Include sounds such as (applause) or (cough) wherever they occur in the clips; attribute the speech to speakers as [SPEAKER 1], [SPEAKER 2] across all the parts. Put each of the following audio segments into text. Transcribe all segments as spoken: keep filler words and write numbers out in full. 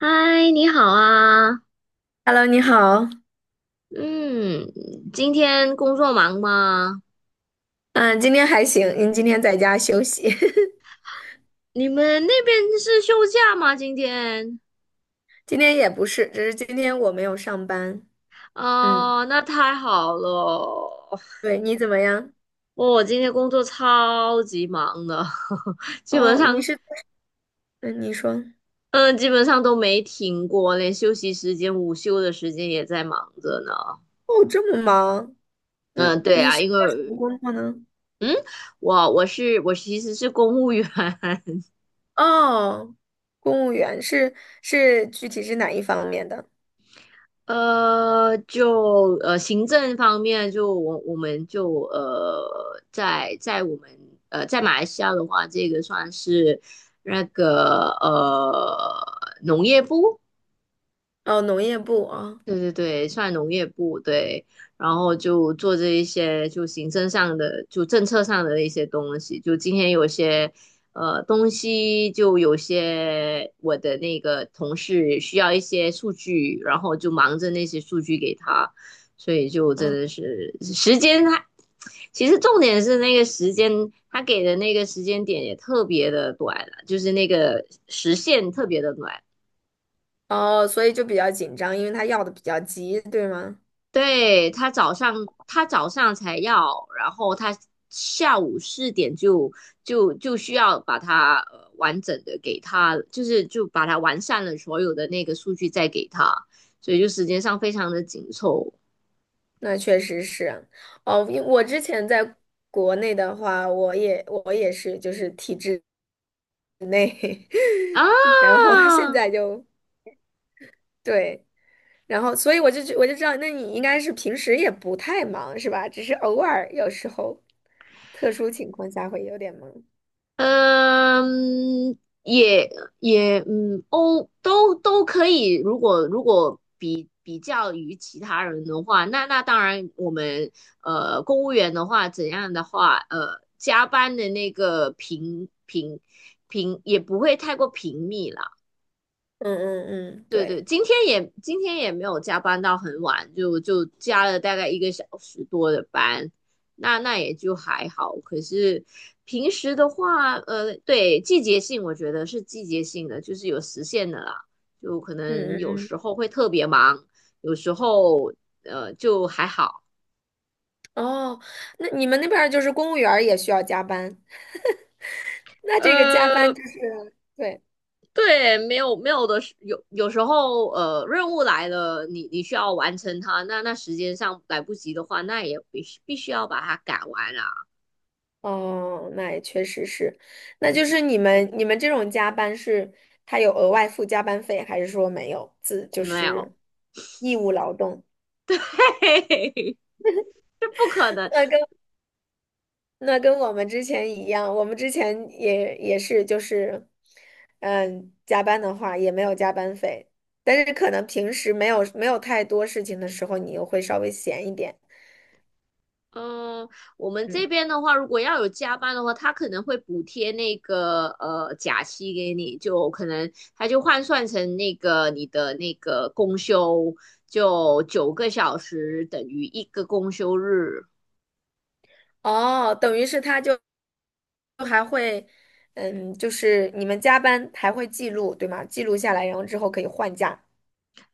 [SPEAKER 1] 嗨，你好啊。
[SPEAKER 2] Hello，你好。
[SPEAKER 1] 嗯，今天工作忙吗？
[SPEAKER 2] 嗯，今天还行，您今天在家休息。(laughs)
[SPEAKER 1] 你们那边是休假吗？今天？
[SPEAKER 2] 今天也不是，只是今天我没有上班。嗯，
[SPEAKER 1] 哦，那太好了。哦，
[SPEAKER 2] 对，你怎么样？
[SPEAKER 1] 我今天工作超级忙的，(laughs) 基本
[SPEAKER 2] 哦，你
[SPEAKER 1] 上，
[SPEAKER 2] 是，嗯，你说，
[SPEAKER 1] 嗯、基本上都没停过，连休息时间、午休的时间也在忙着呢。
[SPEAKER 2] 哦，这么忙，嗯，
[SPEAKER 1] 嗯，对
[SPEAKER 2] 你
[SPEAKER 1] 啊，
[SPEAKER 2] 是
[SPEAKER 1] 因
[SPEAKER 2] 做什么
[SPEAKER 1] 为
[SPEAKER 2] 工作呢？
[SPEAKER 1] 我我是我其实是公务员。
[SPEAKER 2] 哦，公务员是是具体是哪一方面的？
[SPEAKER 1] 呃，就呃行政方面，就我我们就呃在在我们呃在马来西亚的话，这个算是那个呃农业部。
[SPEAKER 2] 哦，农业部啊，
[SPEAKER 1] 对对对，算农业部对。然后就做这一些就行政上的，就政策上的一些东西。就今天有些呃东西，就有些我的那个同事需要一些数据，然后就忙着那些数据给他，所以就
[SPEAKER 2] 哦，
[SPEAKER 1] 真
[SPEAKER 2] 嗯
[SPEAKER 1] 的是时间他其实重点是那个时间，他给的那个时间点也特别的短了，就是那个时限特别的短。
[SPEAKER 2] 哦，所以就比较紧张，因为他要的比较急，对吗？
[SPEAKER 1] 对，他早上他早上才要，然后他下午四点就就就需要把它呃完整的给他，就是就把它完善了所有的那个数据再给他，所以就时间上非常的紧凑
[SPEAKER 2] 那确实是，哦，因我之前在国内的话，我也我也是就是体制内，
[SPEAKER 1] 啊。
[SPEAKER 2] (laughs) 然后现在就对，然后所以我就觉我就知道，那你应该是平时也不太忙是吧？只是偶尔有时候特殊情况下会有点忙。
[SPEAKER 1] 嗯，也也嗯，欧都都可以。如果如果比比较于其他人的话，那那当然，我们呃公务员的话，怎样的话，呃，加班的那个频频频也不会太过频密啦。
[SPEAKER 2] 嗯嗯嗯，
[SPEAKER 1] 对对，
[SPEAKER 2] 对，
[SPEAKER 1] 今天也今天也没有加班到很晚，就就加了大概一个小时多的班，那那也就还好。可是平时的话，呃，对，季节性我觉得是季节性的，就是有时限的啦，就可能
[SPEAKER 2] 嗯
[SPEAKER 1] 有
[SPEAKER 2] 嗯
[SPEAKER 1] 时候会特别忙，有时候呃就还好。
[SPEAKER 2] 嗯，哦，那你们那边儿就是公务员儿也需要加班，那这个加班
[SPEAKER 1] 呃，
[SPEAKER 2] 就是对。
[SPEAKER 1] 对，没有没有的时，有有时候呃，任务来了，你你需要完成它，那那时间上来不及的话，那也必须必须要把它赶完啊。
[SPEAKER 2] 哦，那也确实是，那
[SPEAKER 1] 对
[SPEAKER 2] 就
[SPEAKER 1] 对，
[SPEAKER 2] 是你们你们这种加班是他有额外付加班费，还是说没有自就
[SPEAKER 1] 没有，
[SPEAKER 2] 是义务劳动？
[SPEAKER 1] (laughs) 嘿嘿嘿，(laughs) 这不可能。
[SPEAKER 2] 那跟那跟我们之前一样，我们之前也也是就是嗯加班的话也没有加班费，但是可能平时没有没有太多事情的时候，你又会稍微闲一点。
[SPEAKER 1] 嗯，我们这
[SPEAKER 2] 嗯，
[SPEAKER 1] 边的话，如果要有加班的话，他可能会补贴那个呃假期给你，就可能他就换算成那个你的那个公休，就九个小时等于一个公休日。
[SPEAKER 2] 哦，等于是他就还会，嗯，就是你们加班还会记录，对吗？记录下来，然后之后可以换假。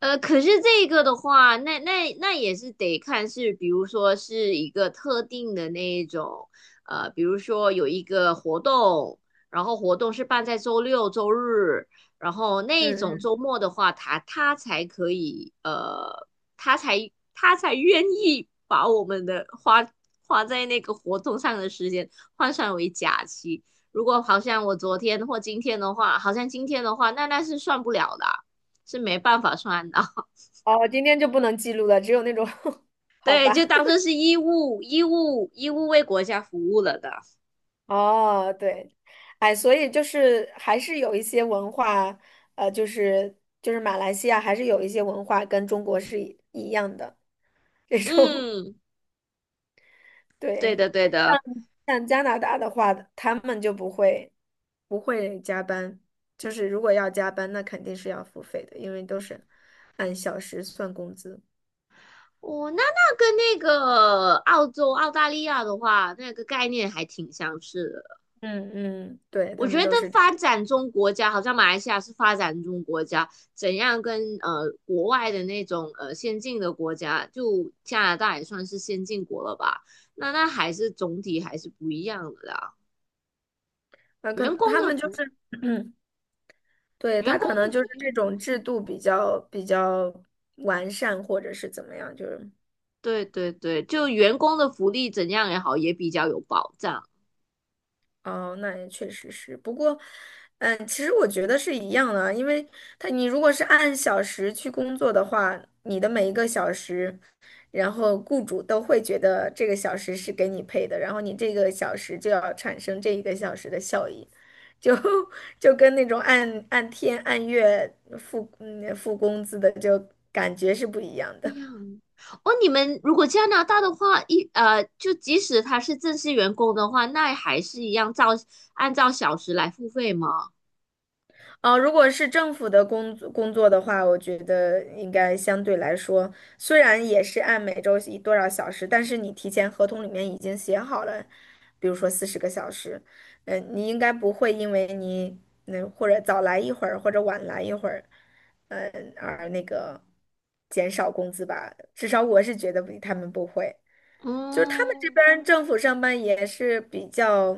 [SPEAKER 1] 呃，可是这个的话，那那那也是得看是，比如说是一个特定的那一种，呃，比如说有一个活动，然后活动是办在周六、周日，然后那一
[SPEAKER 2] 嗯
[SPEAKER 1] 种
[SPEAKER 2] 嗯，
[SPEAKER 1] 周末的话，他他才可以，呃，他才他才愿意把我们的花花在那个活动上的时间换算为假期。如果好像我昨天或今天的话，好像今天的话，那那是算不了的啊，是没办法算的。(laughs)
[SPEAKER 2] 哦，今天就不能记录了，只有那种，(laughs) 好
[SPEAKER 1] 对，就
[SPEAKER 2] 吧？
[SPEAKER 1] 当做是义务，义务，义务为国家服务了的。
[SPEAKER 2] 哦，对，哎，所以就是还是有一些文化，呃，就是就是马来西亚还是有一些文化跟中国是一一样的这种，
[SPEAKER 1] 嗯，
[SPEAKER 2] (laughs)
[SPEAKER 1] 对
[SPEAKER 2] 对。
[SPEAKER 1] 的，对的。
[SPEAKER 2] 像加拿大的话，他们就不会不会加班，就是如果要加班，那肯定是要付费的，因为都是按小时算工资。
[SPEAKER 1] 哦，那那跟那个澳洲、澳大利亚的话，那个概念还挺相似的。
[SPEAKER 2] 嗯嗯，对，
[SPEAKER 1] 我
[SPEAKER 2] 他
[SPEAKER 1] 觉
[SPEAKER 2] 们
[SPEAKER 1] 得
[SPEAKER 2] 都是这，
[SPEAKER 1] 发展中国家，好像马来西亚是发展中国家，怎样跟呃国外的那种呃先进的国家，就加拿大也算是先进国了吧？那那还是总体还是不一样的啦。
[SPEAKER 2] 啊，可
[SPEAKER 1] 员
[SPEAKER 2] 能
[SPEAKER 1] 工
[SPEAKER 2] 他
[SPEAKER 1] 的
[SPEAKER 2] 们就
[SPEAKER 1] 福，
[SPEAKER 2] 是，(clears throat) 对，
[SPEAKER 1] 员
[SPEAKER 2] 他
[SPEAKER 1] 工
[SPEAKER 2] 可
[SPEAKER 1] 的
[SPEAKER 2] 能就
[SPEAKER 1] 福
[SPEAKER 2] 是这
[SPEAKER 1] 利。
[SPEAKER 2] 种制度比较比较完善，或者是怎么样，就是。
[SPEAKER 1] 对对对，就员工的福利怎样也好，也比较有保障。
[SPEAKER 2] 哦，那也确实是。不过，嗯，其实我觉得是一样的啊，因为他你如果是按小时去工作的话，你的每一个小时，然后雇主都会觉得这个小时是给你配的，然后你这个小时就要产生这一个小时的效益，就 (laughs) 就跟那种按按天按月付嗯付工资的就感觉是不一样
[SPEAKER 1] 这
[SPEAKER 2] 的。
[SPEAKER 1] 样哦，你们如果加拿大的话，一呃，就即使他是正式员工的话，那还是一样照按照小时来付费吗？
[SPEAKER 2] 哦，如果是政府的工作工作的话，我觉得应该相对来说，虽然也是按每周一多少小时，但是你提前合同里面已经写好了，比如说四十个小时，嗯，你应该不会因为你那或者早来一会儿或者晚来一会儿，嗯，而那个减少工资吧？至少我是觉得不他们不会。就是他们这
[SPEAKER 1] 嗯，
[SPEAKER 2] 边儿政府上班也是比较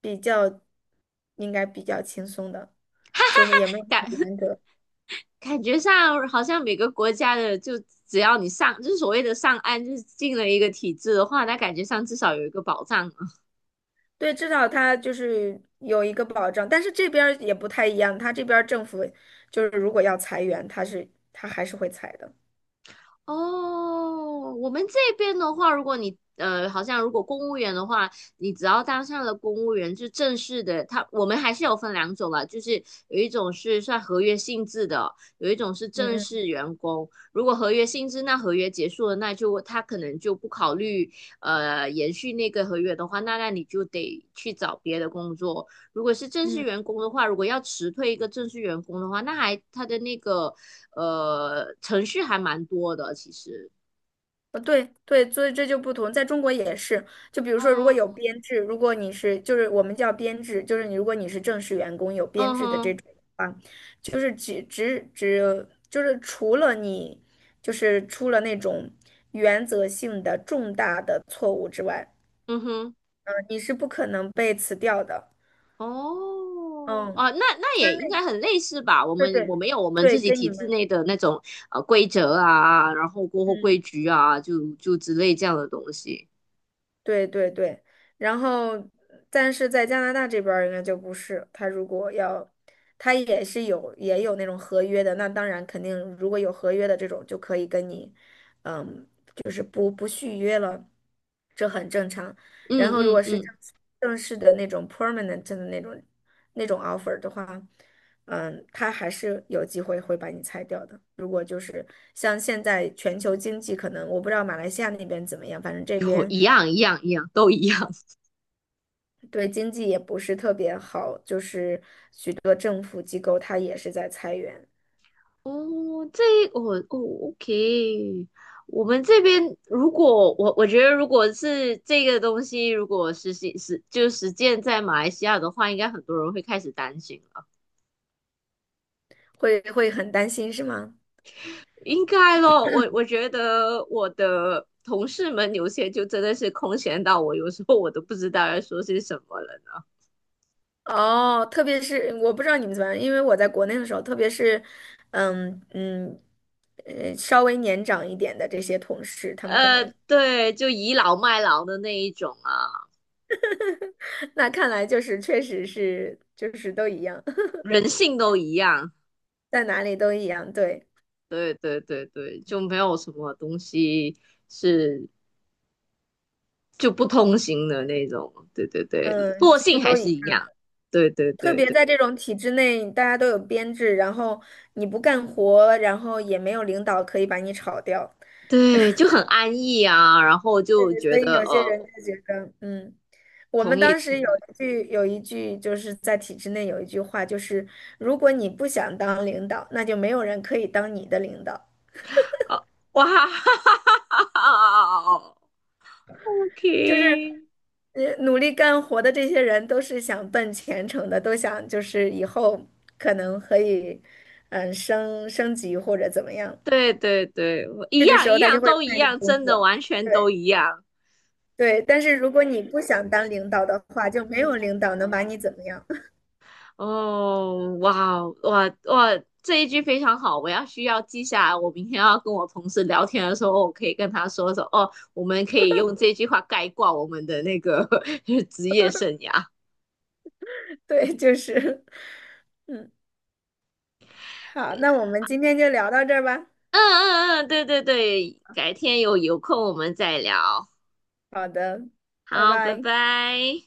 [SPEAKER 2] 比较应该比较轻松的，就也没有
[SPEAKER 1] 感
[SPEAKER 2] 很严
[SPEAKER 1] (laughs)
[SPEAKER 2] 格。
[SPEAKER 1] 感觉上好像每个国家的，就只要你上，就是所谓的上岸，就是进了一个体制的话，那感觉上至少有一个保障。
[SPEAKER 2] 对，至少他就是有一个保障，但是这边儿也不太一样，他这边儿政府就是如果要裁员，他是他还是会裁的。
[SPEAKER 1] 哦，我们这边的话，如果你呃，好像如果公务员的话，你只要当上了公务员，就正式的，他我们还是有分两种啦，就是有一种是算合约性质的，有一种是
[SPEAKER 2] 嗯
[SPEAKER 1] 正
[SPEAKER 2] 嗯
[SPEAKER 1] 式员工。如果合约性质，那合约结束了，那就他可能就不考虑呃延续那个合约的话，那那你就得去找别的工作。如果是正式
[SPEAKER 2] 嗯。
[SPEAKER 1] 员工的话，如果要辞退一个正式员工的话，那还他的那个呃，程序还蛮多的，其实。
[SPEAKER 2] 呃，对对，所以这就不同，在中国也是。就比如说，如果有
[SPEAKER 1] 嗯
[SPEAKER 2] 编制，如果你是就是我们叫编制，就是你如果你是正式员工有编
[SPEAKER 1] 嗯
[SPEAKER 2] 制的
[SPEAKER 1] 哼
[SPEAKER 2] 这种啊，就是只只只就是除了你就是出了那种原则性的重大的错误之外，
[SPEAKER 1] 嗯哼，
[SPEAKER 2] 呃你是不可能被辞掉的。
[SPEAKER 1] 哦
[SPEAKER 2] 嗯，
[SPEAKER 1] 啊，那那
[SPEAKER 2] 就是
[SPEAKER 1] 也应
[SPEAKER 2] 那
[SPEAKER 1] 该很类似吧？我
[SPEAKER 2] 对
[SPEAKER 1] 们
[SPEAKER 2] 对
[SPEAKER 1] 我们有我们
[SPEAKER 2] 对，
[SPEAKER 1] 自己
[SPEAKER 2] 跟
[SPEAKER 1] 体
[SPEAKER 2] 你们。
[SPEAKER 1] 制内的那种呃规则啊，然后过后
[SPEAKER 2] 嗯。
[SPEAKER 1] 规矩啊，就就之类这样的东西。
[SPEAKER 2] 对对对，然后但是在加拿大这边儿应该就不是，他如果要，他也是有也有那种合约的，那当然肯定如果有合约的这种就可以跟你，嗯，不不续约了，这很正常。然
[SPEAKER 1] 嗯
[SPEAKER 2] 后如果
[SPEAKER 1] 嗯
[SPEAKER 2] 是正
[SPEAKER 1] 嗯，
[SPEAKER 2] 正式的那种 permanent 的那种那种 offer 的话，嗯，他还是有机会会把你裁掉的。如果就是像现在全球经济可能，我不知道马来西亚那边怎么样，反正这
[SPEAKER 1] 有
[SPEAKER 2] 边。
[SPEAKER 1] 一样一样一样都一样。
[SPEAKER 2] 对经济也不是特别好，就是许多政府机构它也是在裁员，
[SPEAKER 1] 哦，这我哦哦，OK，我们这边如果我我觉得如果是这个东西，如果实行实就实践在马来西亚的话，应该很多人会开始担心了。
[SPEAKER 2] 会会很担心是吗？
[SPEAKER 1] 应该咯，我我觉得我的同事们有些就真的是空闲到我，有时候我都不知道要说些什么了呢。
[SPEAKER 2] 哦，特别是我不知道你们怎么样，因为我在国内的时候，特别是，嗯嗯，呃，稍微年长一点的这些同事，他们可
[SPEAKER 1] 呃，
[SPEAKER 2] 能
[SPEAKER 1] 对，就倚老卖老的那一种啊，
[SPEAKER 2] (laughs) 那看来就是确实是就是都一样，(laughs)
[SPEAKER 1] 人性都一样。
[SPEAKER 2] 在哪里都一样，对，
[SPEAKER 1] 对对对对，就没有什么东西是就不通行的那种。对对对，
[SPEAKER 2] 嗯，
[SPEAKER 1] 惰
[SPEAKER 2] 其实
[SPEAKER 1] 性还
[SPEAKER 2] 都一
[SPEAKER 1] 是
[SPEAKER 2] 样
[SPEAKER 1] 一样。对对
[SPEAKER 2] 特
[SPEAKER 1] 对
[SPEAKER 2] 别
[SPEAKER 1] 对
[SPEAKER 2] 在这种体制内，大家都有编制，然后你不干活，然后也没有领导可以把你炒掉。
[SPEAKER 1] 对，就很安逸啊，然后
[SPEAKER 2] 对，
[SPEAKER 1] 就
[SPEAKER 2] 所
[SPEAKER 1] 觉
[SPEAKER 2] 以
[SPEAKER 1] 得
[SPEAKER 2] 有些人
[SPEAKER 1] 呃，
[SPEAKER 2] 就觉得，嗯，我
[SPEAKER 1] 同
[SPEAKER 2] 们
[SPEAKER 1] 意
[SPEAKER 2] 当
[SPEAKER 1] 同
[SPEAKER 2] 时有
[SPEAKER 1] 意。
[SPEAKER 2] 一句有一句就是在体制内有一句话，就是如果你不想当领导，那就没有人可以当你的领导。
[SPEAKER 1] 哦，哇哈哈哈
[SPEAKER 2] 就是，
[SPEAKER 1] ，OK，
[SPEAKER 2] 呃，努力干活的这些人都是想奔前程的，都想就是以后可能可以，嗯，升升级或者怎么样。
[SPEAKER 1] 对对对，一
[SPEAKER 2] 这个
[SPEAKER 1] 样
[SPEAKER 2] 时
[SPEAKER 1] 一
[SPEAKER 2] 候他
[SPEAKER 1] 样
[SPEAKER 2] 就会
[SPEAKER 1] 都一
[SPEAKER 2] 卖力
[SPEAKER 1] 样，
[SPEAKER 2] 工
[SPEAKER 1] 真的
[SPEAKER 2] 作。
[SPEAKER 1] 完全
[SPEAKER 2] 对
[SPEAKER 1] 都一样。
[SPEAKER 2] 对，但是如果你不想当领导的话，就没有领导能把你怎么样。(laughs)
[SPEAKER 1] 哦，哇，哦，哇哇！这一句非常好，我要需要记下来。我明天要跟我同事聊天的时候，哦我可以跟他说说哦，我们可以用这句话概括我们的那个 (laughs) 职业生涯。
[SPEAKER 2] 对，就是。(laughs) 嗯。好，
[SPEAKER 1] 对，
[SPEAKER 2] 那我们今天就聊到这儿吧。
[SPEAKER 1] 嗯嗯嗯，对对对，改天有有空我们再聊。
[SPEAKER 2] 好的，拜
[SPEAKER 1] 好，拜
[SPEAKER 2] 拜。
[SPEAKER 1] 拜。